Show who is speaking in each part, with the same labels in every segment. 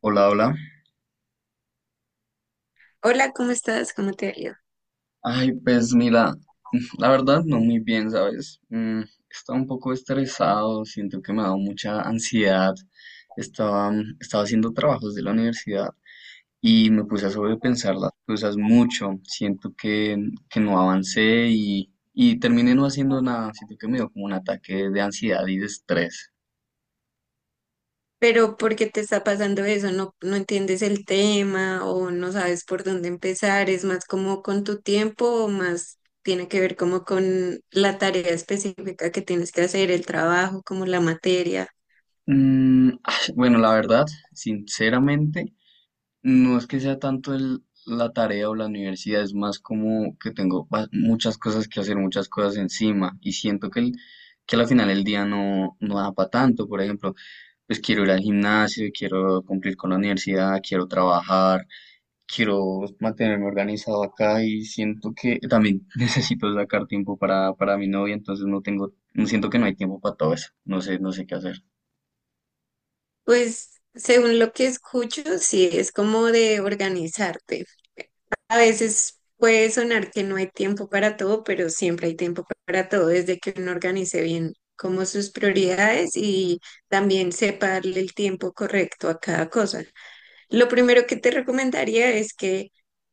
Speaker 1: Hola, hola.
Speaker 2: Hola, ¿cómo estás? ¿Cómo te ha ido?
Speaker 1: Ay, pues mira, la verdad no muy bien, ¿sabes? Mm, estaba un poco estresado, siento que me ha dado mucha ansiedad. Estaba, Estaba haciendo trabajos de la universidad y me puse a sobrepensar las cosas mucho. Siento que no avancé y terminé no haciendo nada. Siento que me dio como un ataque de ansiedad y de estrés.
Speaker 2: Pero ¿por qué te está pasando eso? No, no entiendes el tema o no sabes por dónde empezar. ¿Es más como con tu tiempo o más tiene que ver como con la tarea específica que tienes que hacer, el trabajo, como la materia?
Speaker 1: Mm, bueno, la verdad, sinceramente. No es que sea tanto la tarea o la universidad, es más como que tengo muchas cosas que hacer, muchas cosas encima y siento que al final el día no da para tanto. Por ejemplo, pues quiero ir al gimnasio, quiero cumplir con la universidad, quiero trabajar, quiero mantenerme organizado acá y siento que también necesito sacar tiempo para mi novia, entonces no tengo, no siento que no hay tiempo para todo eso, no sé, no sé qué hacer.
Speaker 2: Pues según lo que escucho, sí, es como de organizarte. A veces puede sonar que no hay tiempo para todo, pero siempre hay tiempo para todo desde que uno organice bien como sus prioridades y también sepa darle el tiempo correcto a cada cosa. Lo primero que te recomendaría es que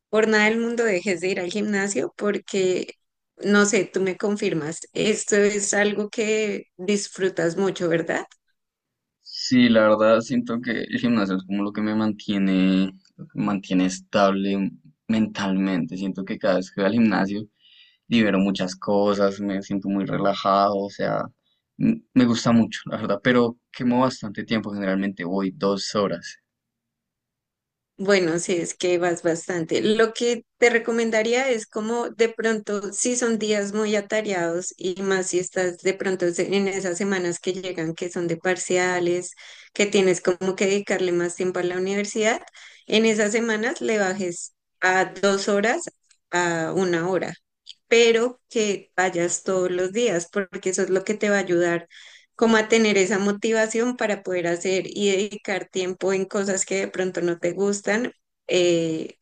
Speaker 2: por nada del mundo dejes de ir al gimnasio porque, no sé, tú me confirmas, esto es algo que disfrutas mucho, ¿verdad?
Speaker 1: Sí, la verdad siento que el gimnasio es como lo que me mantiene, lo que me mantiene estable mentalmente. Siento que cada vez que voy al gimnasio libero muchas cosas, me siento muy relajado, o sea, me gusta mucho, la verdad, pero quemo bastante tiempo, generalmente voy 2 horas,
Speaker 2: Bueno, sí, es que vas bastante. Lo que te recomendaría es como de pronto, si son días muy atareados y más si estás de pronto en esas semanas que llegan, que son de parciales, que tienes como que dedicarle más tiempo a la universidad, en esas semanas le bajes a 2 horas a 1 hora, pero que vayas todos los días, porque eso es lo que te va a ayudar como a tener esa motivación para poder hacer y dedicar tiempo en cosas que de pronto no te gustan, eh,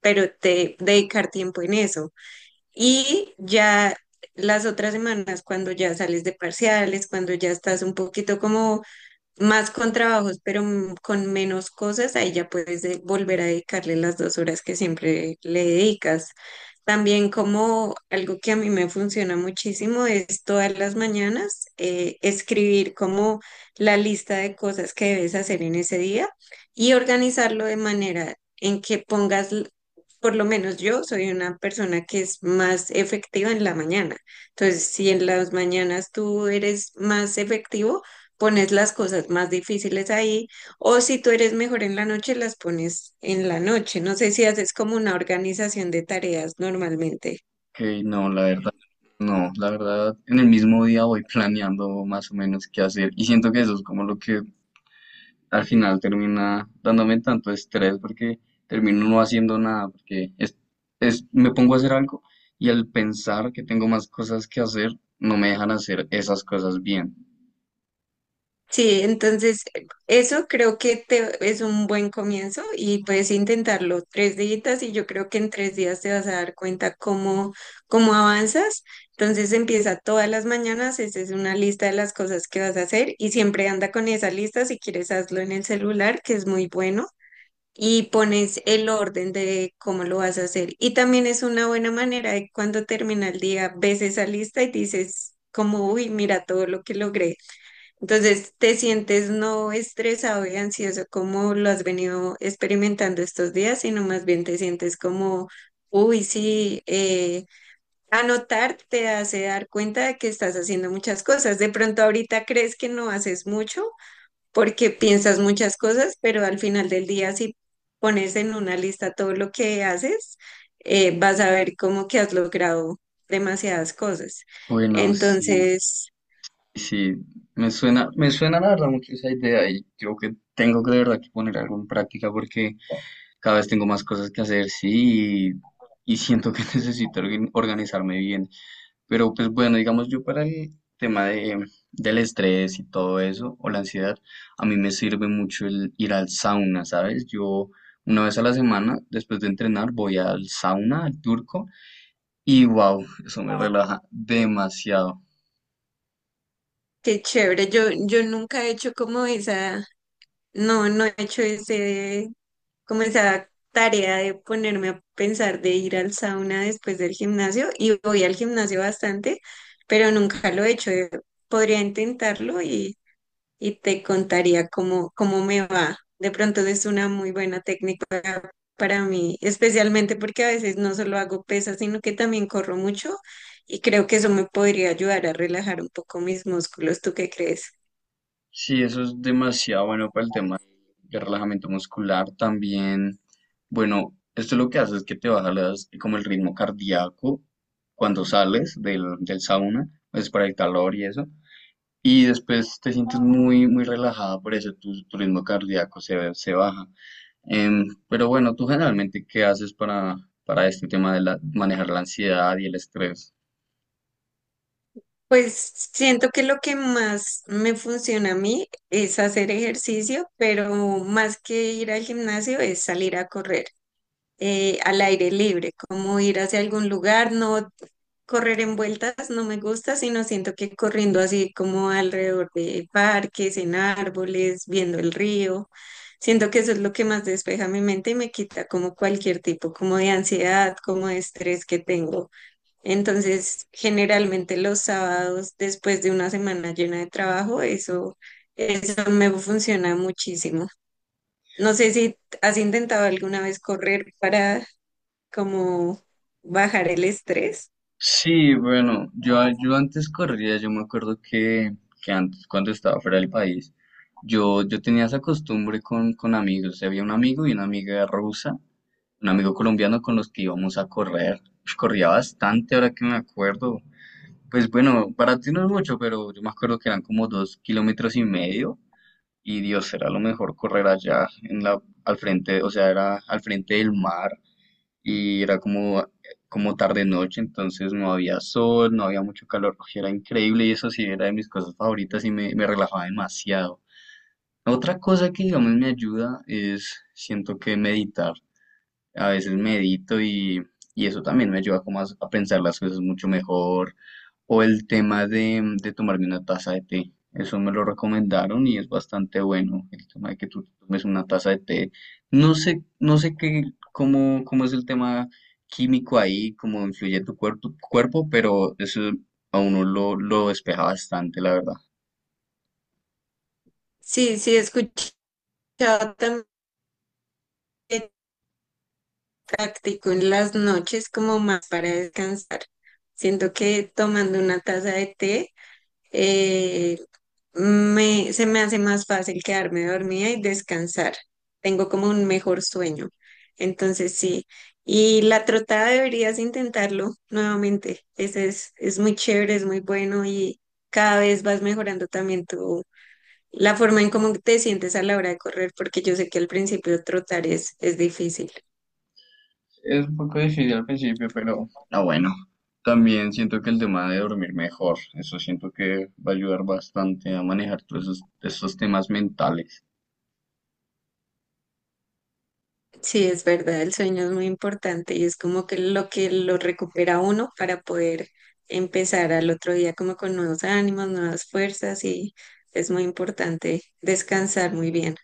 Speaker 2: pero te dedicar tiempo en eso. Y ya las otras semanas, cuando ya sales de parciales, cuando ya estás un poquito como más con trabajos, pero con menos cosas, ahí ya puedes volver a dedicarle las 2 horas que siempre le dedicas. También como algo que a mí me funciona muchísimo es todas las mañanas escribir como la lista de cosas que debes hacer en ese día y organizarlo de manera en que pongas, por lo menos yo soy una persona que es más efectiva en la mañana. Entonces, si en las mañanas tú eres más efectivo, pones las cosas más difíciles ahí, o si tú eres mejor en la noche, las pones en la noche. No sé si haces como una organización de tareas normalmente.
Speaker 1: que no, la verdad, no, la verdad, en el mismo día voy planeando más o menos qué hacer y siento que eso es como lo que al final termina dándome tanto estrés porque termino no haciendo nada, porque me pongo a hacer algo y al pensar que tengo más cosas que hacer, no me dejan hacer esas cosas bien.
Speaker 2: Sí, entonces eso creo que es un buen comienzo y puedes intentarlo 3 días y yo creo que en 3 días te vas a dar cuenta cómo avanzas. Entonces empieza todas las mañanas, esa es una lista de las cosas que vas a hacer y siempre anda con esa lista, si quieres hazlo en el celular, que es muy bueno, y pones el orden de cómo lo vas a hacer. Y también es una buena manera de cuando termina el día, ves esa lista y dices como, uy, mira todo lo que logré. Entonces, ¿te sientes no estresado y ansioso como lo has venido experimentando estos días, sino más bien te sientes como, uy, sí, anotar te hace dar cuenta de que estás haciendo muchas cosas. De pronto ahorita crees que no haces mucho porque piensas muchas cosas, pero al final del día si pones en una lista todo lo que haces, vas a ver como que has logrado demasiadas cosas.
Speaker 1: Bueno, sí,
Speaker 2: Entonces...
Speaker 1: sí, me suena la verdad mucho esa idea y creo que tengo que de verdad que poner algo en práctica porque cada vez tengo más cosas que hacer, sí, y siento que necesito organizarme bien. Pero pues bueno, digamos yo para el tema del estrés y todo eso, o la ansiedad, a mí me sirve mucho el ir al sauna, ¿sabes? Yo una vez a la semana, después de entrenar, voy al sauna, al turco, y wow, eso me relaja demasiado.
Speaker 2: Qué chévere, yo nunca he hecho como no, no he hecho ese, como esa tarea de ponerme a pensar de ir al sauna después del gimnasio y voy al gimnasio bastante, pero nunca lo he hecho. Podría intentarlo y te contaría cómo me va. De pronto es una muy buena técnica para mí, especialmente porque a veces no solo hago pesas, sino que también corro mucho y creo que eso me podría ayudar a relajar un poco mis músculos. ¿Tú qué crees?
Speaker 1: Sí, eso es demasiado bueno para el tema de relajamiento muscular también. Bueno, esto lo que hace es que te baja como el ritmo cardíaco cuando sales del sauna, pues para el calor y eso. Y después te sientes muy relajada, por eso tu ritmo cardíaco se baja. Pero bueno, ¿tú generalmente qué haces para este tema de manejar la ansiedad y el estrés?
Speaker 2: Pues siento que lo que más me funciona a mí es hacer ejercicio, pero más que ir al gimnasio es salir a correr al aire libre, como ir hacia algún lugar, no correr en vueltas, no me gusta, sino siento que corriendo así como alrededor de parques, en árboles, viendo el río, siento que eso es lo que más despeja mi mente y me quita como cualquier tipo, como de ansiedad, como de estrés que tengo. Entonces, generalmente los sábados, después de una semana llena de trabajo, eso me funciona muchísimo. No sé si has intentado alguna vez correr para como bajar el estrés.
Speaker 1: Sí, bueno, yo antes corría, yo me acuerdo que antes, cuando estaba fuera del país, yo tenía esa costumbre con amigos, o sea, había un amigo y una amiga rusa, un amigo colombiano con los que íbamos a correr. Corría bastante, ahora que me acuerdo. Pues bueno, para ti no es mucho, pero yo me acuerdo que eran como 2,5 kilómetros y Dios, era lo mejor correr allá en la, al frente, o sea, era al frente del mar y era como, como tarde noche, entonces no había sol, no había mucho calor, y era increíble y eso sí era de mis cosas favoritas y me relajaba demasiado. Otra cosa que digamos me ayuda es, siento que meditar. A veces medito y eso también me ayuda como a pensar las cosas mucho mejor. O el tema de tomarme una taza de té. Eso me lo recomendaron y es bastante bueno. El tema de que tú tomes una taza de té. No sé, no sé qué, cómo, cómo es el tema químico ahí, cómo influye tu cuerpo, pero eso a uno lo despeja bastante, la verdad.
Speaker 2: Sí, sí, he escuchado también táctico en las noches como más para descansar. Siento que tomando una taza de té eh, se me hace más fácil quedarme dormida y descansar. Tengo como un mejor sueño. Entonces sí. Y la trotada deberías intentarlo nuevamente. Es muy chévere, es muy bueno y cada vez vas mejorando también la forma en cómo te sientes a la hora de correr, porque yo sé que al principio trotar es difícil.
Speaker 1: Es un poco difícil al principio, pero, ah, bueno. También siento que el tema de dormir mejor, eso siento que va a ayudar bastante a manejar todos esos temas mentales.
Speaker 2: Sí, es verdad, el sueño es muy importante y es como que lo recupera uno para poder empezar al otro día como con nuevos ánimos, nuevas fuerzas y es muy importante descansar muy bien.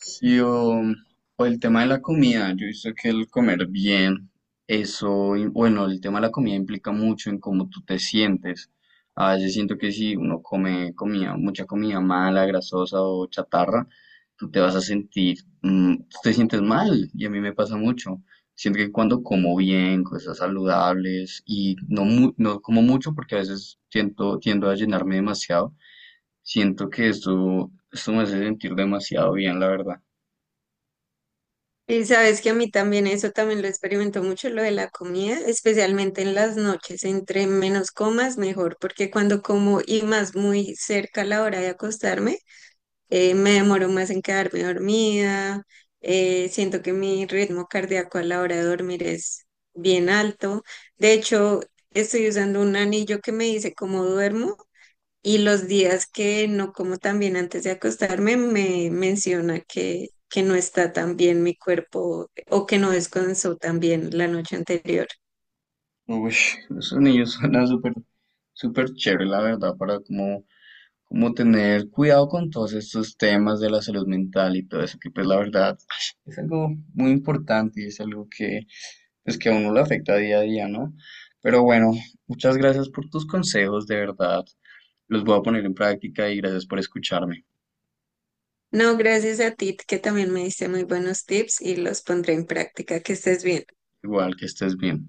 Speaker 1: Sí, o el tema de la comida, yo he visto que el comer bien, bueno, el tema de la comida implica mucho en cómo tú te sientes. A veces siento que si uno come comida, mucha comida mala, grasosa o chatarra, tú te vas a sentir, tú te sientes mal, y a mí me pasa mucho. Siento que cuando como bien, cosas saludables, y no, no como mucho porque a veces siento, tiendo a llenarme demasiado, siento que esto me hace sentir demasiado bien, la verdad.
Speaker 2: Y sabes que a mí también eso también lo experimento mucho, lo de la comida, especialmente en las noches, entre menos comas mejor, porque cuando como y más muy cerca a la hora de acostarme, me demoro más en quedarme dormida, siento que mi ritmo cardíaco a la hora de dormir es bien alto. De hecho, estoy usando un anillo que me dice cómo duermo y los días que no como tan bien antes de acostarme me menciona que no está tan bien mi cuerpo o que no descansó tan bien la noche anterior.
Speaker 1: Uy, esos niños suenan súper, súper chévere, la verdad, para como, como tener cuidado con todos estos temas de la salud mental y todo eso, que pues la verdad es algo muy importante y es algo que, pues que a uno lo afecta día a día, ¿no? Pero bueno, muchas gracias por tus consejos, de verdad. Los voy a poner en práctica y gracias por escucharme.
Speaker 2: No, gracias a ti que también me diste muy buenos tips y los pondré en práctica. Que estés bien.
Speaker 1: Igual que estés bien.